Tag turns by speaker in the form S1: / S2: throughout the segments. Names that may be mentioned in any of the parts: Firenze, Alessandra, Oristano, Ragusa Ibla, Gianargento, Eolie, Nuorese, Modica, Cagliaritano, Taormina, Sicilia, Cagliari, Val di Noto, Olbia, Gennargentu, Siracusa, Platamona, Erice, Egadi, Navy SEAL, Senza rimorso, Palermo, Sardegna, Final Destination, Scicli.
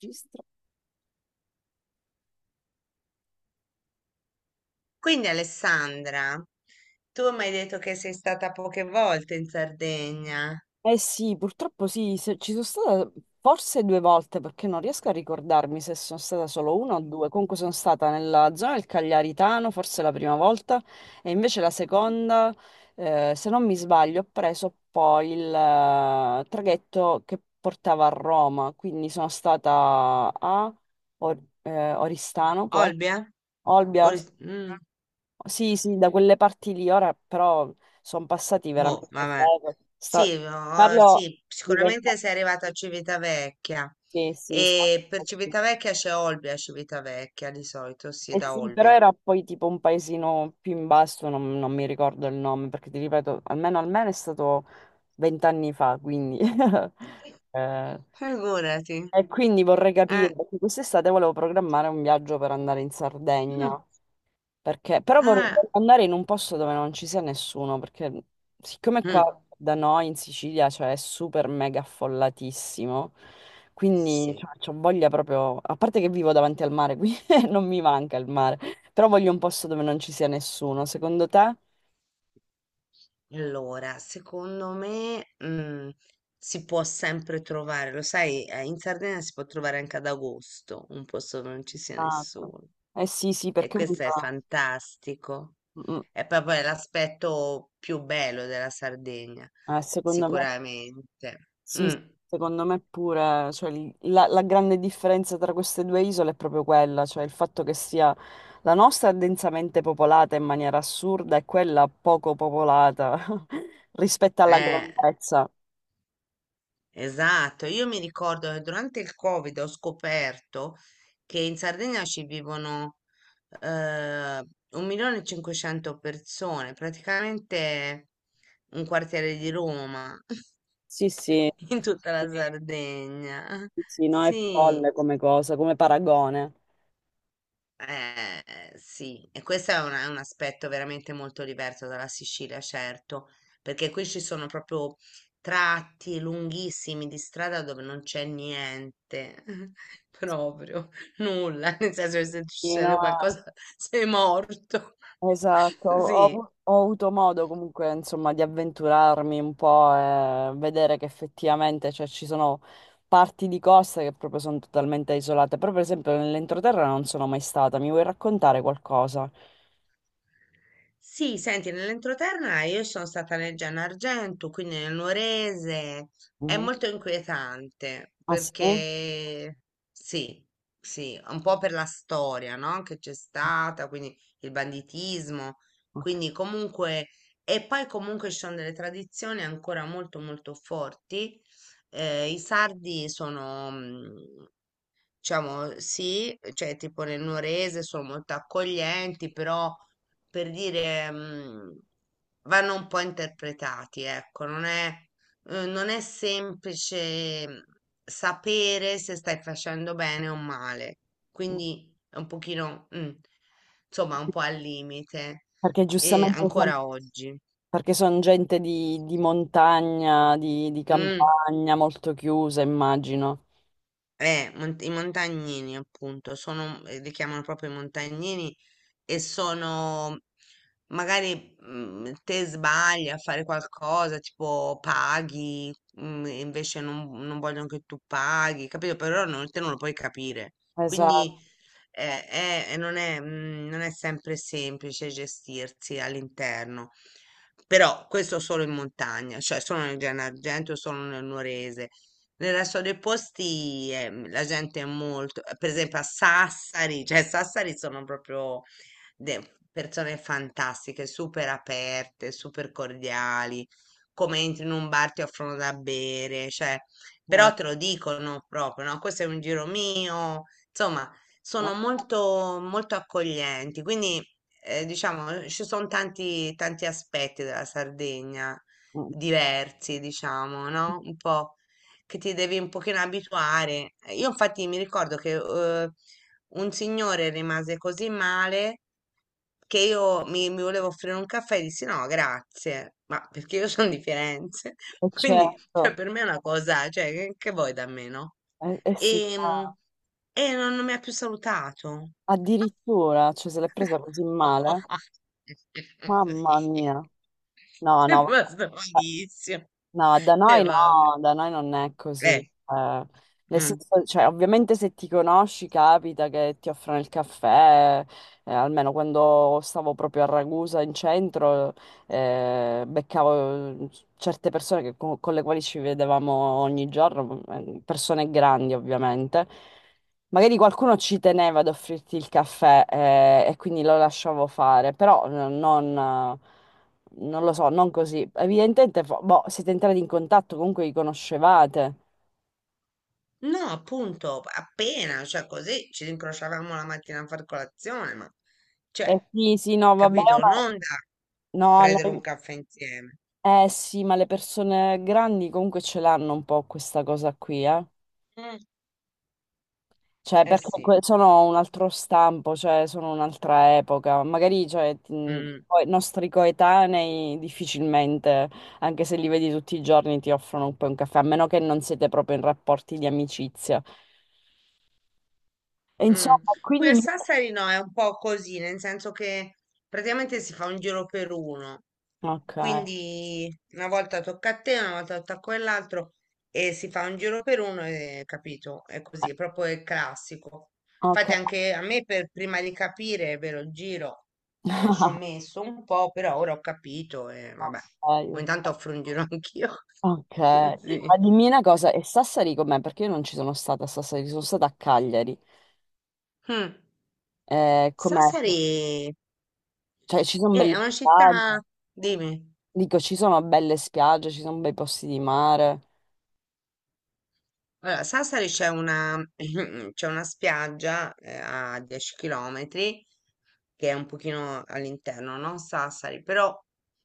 S1: Registro.
S2: Quindi Alessandra, tu mi hai detto che sei stata poche volte in Sardegna.
S1: Eh sì, purtroppo sì, ci sono stata forse due volte perché non riesco a ricordarmi se sono stata solo una o due.
S2: Mm.
S1: Comunque sono stata nella zona del Cagliaritano, forse la prima volta, e invece la seconda, se non mi sbaglio, ho preso poi il traghetto che portava a Roma, quindi sono stata a Oristano, poi
S2: Olbia?
S1: Olbia.
S2: No,
S1: Sì, sì, da quelle parti lì, ora però sono passati
S2: boh,
S1: veramente
S2: vabbè.
S1: secoli.
S2: Sì, ho-
S1: Parlo
S2: sì,
S1: di
S2: sicuramente
S1: 20 anni.
S2: sei arrivata a Civitavecchia.
S1: Sì, sì, sono
S2: E per
S1: passati.
S2: Civitavecchia c'è Olbia, Civitavecchia di solito, sì,
S1: Eh
S2: da
S1: sì, però
S2: Olbia.
S1: era poi tipo un paesino più in basso, non mi ricordo il nome, perché ti ripeto, almeno almeno è stato 20 anni fa, quindi... eh,
S2: Figurati.
S1: e quindi vorrei capire,
S2: Eh.
S1: perché quest'estate volevo programmare un viaggio per andare in Sardegna.
S2: Mm.
S1: Perché, però vorrei
S2: Ah.
S1: andare in un posto dove non ci sia nessuno, perché siccome qua
S2: Mm.
S1: da noi in Sicilia, cioè, è super mega affollatissimo, quindi
S2: Sì.
S1: ho voglia proprio, a parte che vivo davanti al mare, qui non mi manca il mare, però voglio un posto dove non ci sia nessuno, secondo te?
S2: Allora, secondo me, si può sempre trovare, lo sai, in Sardegna si può trovare anche ad agosto un posto dove non ci sia
S1: Esatto.
S2: nessuno
S1: Eh sì, sì,
S2: e
S1: perché
S2: questo è fantastico.
S1: Mm,
S2: È proprio l'aspetto più bello della Sardegna,
S1: secondo me.
S2: sicuramente.
S1: Sì,
S2: Mm,
S1: secondo me pure, cioè, la grande differenza tra queste due isole è proprio quella, cioè il fatto che sia la nostra è densamente popolata in maniera assurda e quella poco popolata rispetto alla
S2: eh.
S1: grandezza.
S2: Esatto, io mi ricordo che durante il Covid ho scoperto che in Sardegna ci vivono eh, 1.500.000 persone, praticamente un quartiere di Roma
S1: Sì, sì,
S2: in tutta la
S1: sì,
S2: Sardegna.
S1: sì, no, è
S2: Sì,
S1: folle come cosa, come paragone.
S2: Eh, sì, e questo è un aspetto veramente molto diverso dalla Sicilia, certo, perché qui ci sono proprio tratti lunghissimi di strada dove non c'è niente, proprio nulla, nel senso che se
S1: Sì, no,
S2: succede qualcosa sei morto.
S1: esatto,
S2: Sì,
S1: ho avuto modo comunque insomma di avventurarmi un po' e vedere che effettivamente cioè, ci sono parti di costa che proprio sono totalmente isolate. Però per esempio nell'entroterra non sono mai stata, mi vuoi raccontare qualcosa?
S2: sì, senti, nell'entroterra io sono stata nel Gianargento, quindi nel Nuorese. È
S1: Mhm.
S2: molto inquietante
S1: Ah sì?
S2: perché sì, sì, un po' per la storia, no? Che c'è stata, quindi il banditismo,
S1: Ok.
S2: quindi comunque, e poi comunque ci sono delle tradizioni ancora molto molto forti. I sardi sono, diciamo sì, cioè tipo nel Nuorese sono molto accoglienti, però per dire vanno un po' interpretati, ecco, non è semplice, sapere se stai facendo bene o male, quindi è un pochino, insomma, un po' al limite,
S1: Perché
S2: e
S1: giustamente
S2: ancora oggi.
S1: perché sono gente di montagna, di
S2: Mm.
S1: campagna, molto chiusa immagino.
S2: I montagnini, appunto, li chiamano proprio i montagnini e sono, magari te sbagli a fare qualcosa, tipo paghi, e invece non vogliono che tu paghi, capito? Però non, te non lo puoi capire.
S1: Esatto.
S2: Quindi non è sempre semplice gestirsi all'interno. Però questo solo in montagna, cioè solo nel Gennargentu, solo nel Nuorese. Nel resto dei posti la gente è molto, per esempio a Sassari, cioè Sassari sono proprio persone fantastiche, super aperte, super cordiali. Come entri in un bar ti offrono da bere, cioè, però
S1: No?
S2: te lo dicono proprio, no? Questo è un giro mio, insomma, sono molto, molto accoglienti, quindi diciamo ci sono tanti, tanti aspetti della Sardegna
S1: Mm.
S2: diversi, diciamo, no? Un po' che ti devi un pochino abituare. Io infatti mi ricordo che un signore rimase così male che io mi volevo offrire un caffè e dissi no, grazie, ma perché io sono di Firenze.
S1: E
S2: Quindi
S1: certo.
S2: cioè, per me è una cosa, cioè, che vuoi da me, no?
S1: Eh sì,
S2: E, mm,
S1: ah,
S2: e non mi ha più salutato.
S1: addirittura, cioè se l'è presa così male, mamma mia.
S2: Sì.
S1: No,
S2: È
S1: no,
S2: rimasto malissimo.
S1: no, da
S2: E
S1: noi
S2: vabbè.
S1: no, da noi non è così.
S2: Eh,
S1: Eh. Nel
S2: mm.
S1: senso, cioè, ovviamente se ti conosci capita che ti offrono il caffè, almeno quando stavo proprio a Ragusa in centro, beccavo certe persone con le quali ci vedevamo ogni giorno, persone grandi ovviamente. Magari qualcuno ci teneva ad offrirti il caffè, e quindi lo lasciavo fare, però non... non lo so, non così. Evidentemente, boh, siete entrati in contatto, comunque vi conoscevate.
S2: No, appunto, appena, cioè così ci rincrociavamo la mattina a far colazione, ma
S1: Eh
S2: cioè,
S1: sì, sì, no, vabbè,
S2: capito? Non da
S1: no,
S2: prendere un caffè insieme.
S1: sì, ma le persone grandi comunque ce l'hanno un po' questa cosa qui, eh.
S2: Mm.
S1: Cioè,
S2: Eh
S1: perché
S2: sì.
S1: sono un altro stampo, cioè, sono un'altra epoca. Magari, cioè,
S2: Mm.
S1: poi i nostri coetanei difficilmente, anche se li vedi tutti i giorni, ti offrono un po' un caffè, a meno che non siete proprio in rapporti di amicizia. E
S2: Mm.
S1: insomma,
S2: Qui
S1: quindi...
S2: a Sassari no, è un po' così, nel senso che praticamente si fa un giro per uno.
S1: Ok.
S2: Quindi una volta tocca a te, una volta tocca a quell'altro e si fa un giro per uno e capito, è così, è proprio il classico.
S1: Ok,
S2: Infatti anche a me per prima di capire, è vero, il giro, ci ho messo un po', però ora ho capito e vabbè, ogni
S1: ok,
S2: tanto offro un giro anch'io.
S1: ok.
S2: Sì.
S1: Ma dimmi una cosa, e Sassari com'è? Perché io non ci sono stata a Sassari, sono stata a Cagliari.
S2: Mm.
S1: Com'è?
S2: Sassari
S1: Cioè, ci sono
S2: eh, è
S1: belle
S2: una
S1: spiagge,
S2: città, dimmi.
S1: dico, ci sono belle spiagge, ci sono bei posti di mare.
S2: Allora, Sassari c'è una spiaggia a 10 km, che è un pochino all'interno, non Sassari, però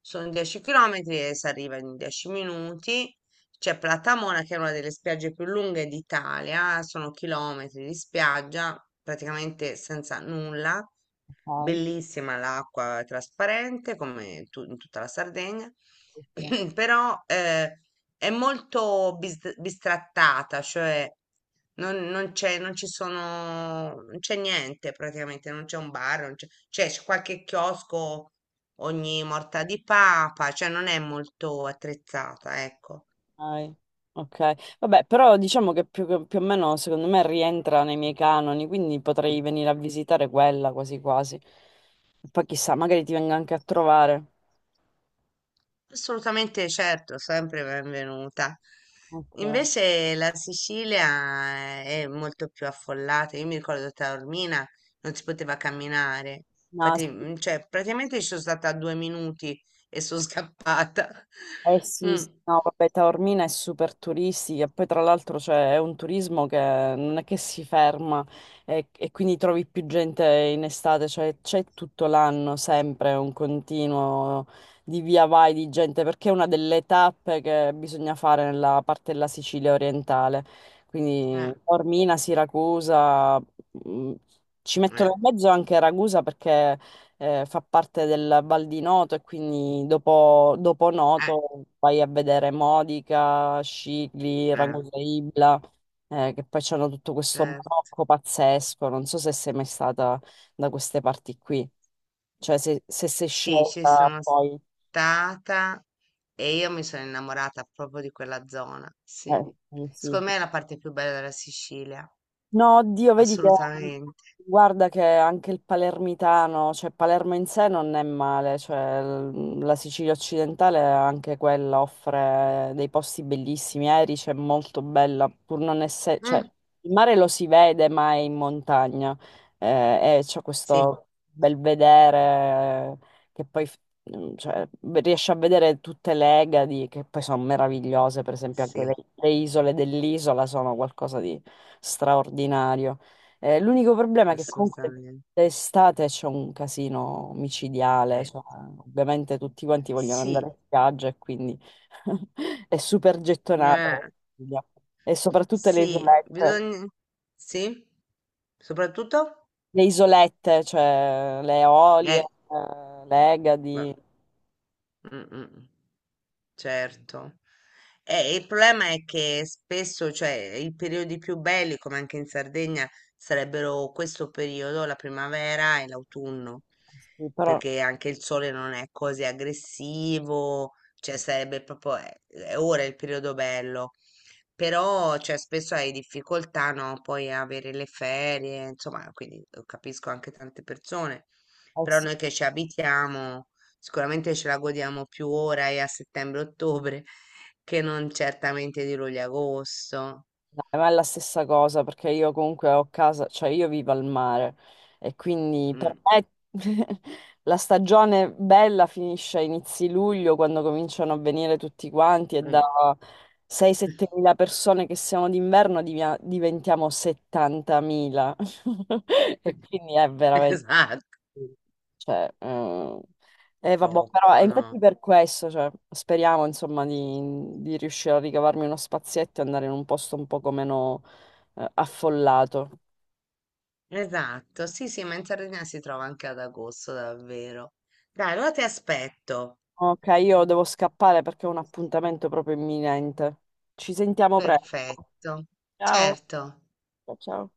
S2: sono 10 km e si arriva in 10 minuti. C'è Platamona che è una delle spiagge più lunghe d'Italia, sono chilometri di spiaggia praticamente senza nulla,
S1: Ok,
S2: bellissima. L'acqua è trasparente in tutta la Sardegna.
S1: sì, sì.
S2: Però è molto bistrattata, cioè non c'è, non ci sono, non c'è niente praticamente, non c'è un bar, non c'è, cioè c'è qualche chiosco ogni morta di papa, cioè non è molto attrezzata, ecco.
S1: Ok, ok. Vabbè, però diciamo che più o meno, secondo me, rientra nei miei canoni, quindi potrei venire a visitare quella quasi quasi. Poi chissà, magari ti vengo anche a trovare.
S2: Assolutamente certo, sempre benvenuta.
S1: Ok.
S2: Invece la Sicilia è molto più affollata. Io mi ricordo Taormina non si poteva camminare.
S1: No,
S2: Infatti, cioè, praticamente ci sono stata 2 minuti e sono scappata.
S1: eh sì,
S2: Mm.
S1: sì, no, vabbè, Taormina è super turistica, e poi tra l'altro c'è è un turismo che non è che si ferma e quindi trovi più gente in estate, cioè c'è tutto l'anno sempre un continuo di via vai di gente, perché è una delle tappe che bisogna fare nella parte della Sicilia orientale, quindi
S2: Eh,
S1: Taormina, Siracusa, mm, ci mettono
S2: eh,
S1: in mezzo anche Ragusa perché fa parte del Val di Noto e quindi dopo
S2: eh,
S1: Noto vai a vedere Modica, Scicli,
S2: eh,
S1: Ragusa Ibla, che poi c'hanno tutto questo
S2: certo.
S1: barocco pazzesco. Non so se sei mai stata da queste parti qui, cioè se sei
S2: Sì, ci
S1: scelta
S2: sono
S1: poi...
S2: stata e io mi sono innamorata proprio di quella zona. Sì.
S1: eh, sì,
S2: Secondo
S1: sì.
S2: me è la parte più bella della Sicilia.
S1: No, oddio, vedi che
S2: Assolutamente.
S1: guarda che anche il palermitano, cioè Palermo in sé non è male, cioè la Sicilia occidentale anche quella offre dei posti bellissimi, Erice è molto bella, pur non essere, cioè
S2: Mh.
S1: il mare lo si vede ma è in montagna e c'è
S2: Sì,
S1: questo bel vedere che poi cioè, beh, riesci a vedere tutte le Egadi che poi sono meravigliose, per esempio anche le,
S2: sì,
S1: le isole dell'isola sono qualcosa di straordinario. L'unico problema è che comunque
S2: assolutamente.
S1: d'estate c'è un casino micidiale,
S2: Eh,
S1: cioè, ovviamente tutti quanti vogliono
S2: Sì,
S1: andare in spiaggia e quindi è super gettonata la
S2: eh,
S1: Sicilia. E soprattutto
S2: sì, bisogn sì? Soprattutto?
S1: le isolette, cioè le Eolie,
S2: Eh,
S1: le
S2: beh,
S1: Egadi.
S2: mh-mh. Certo. Il problema è che spesso, cioè, i periodi più belli, come anche in Sardegna, sarebbero questo periodo, la primavera e l'autunno,
S1: Sì, però...
S2: perché anche il sole non è così aggressivo, cioè sarebbe proprio, ora è il periodo bello. Però, cioè, spesso hai difficoltà, no? Poi a avere le ferie, insomma, quindi capisco anche tante persone.
S1: eh
S2: Però
S1: sì.
S2: noi che ci abitiamo sicuramente ce la godiamo più ora e a settembre-ottobre che non certamente di luglio e agosto.
S1: Dai, ma è la stessa cosa perché io comunque ho casa, cioè io vivo al mare e quindi per
S2: Mm,
S1: me la stagione bella finisce a inizi luglio quando cominciano a venire tutti quanti e da
S2: mm.
S1: 6-7 mila persone che siamo d'inverno diventiamo 70 mila e quindi è veramente
S2: Esatto,
S1: cioè, vabbè, però è
S2: troppo, no?
S1: infatti per questo, cioè, speriamo insomma di riuscire a ricavarmi uno spazietto e andare in un posto un poco meno affollato.
S2: Esatto, sì, sì, ma in Sardegna si trova anche ad agosto, davvero. Dai, allora ti aspetto.
S1: Ok, io devo scappare perché ho un appuntamento proprio imminente. Ci sentiamo presto.
S2: Perfetto.
S1: Ciao.
S2: Certo.
S1: Ciao. Ciao.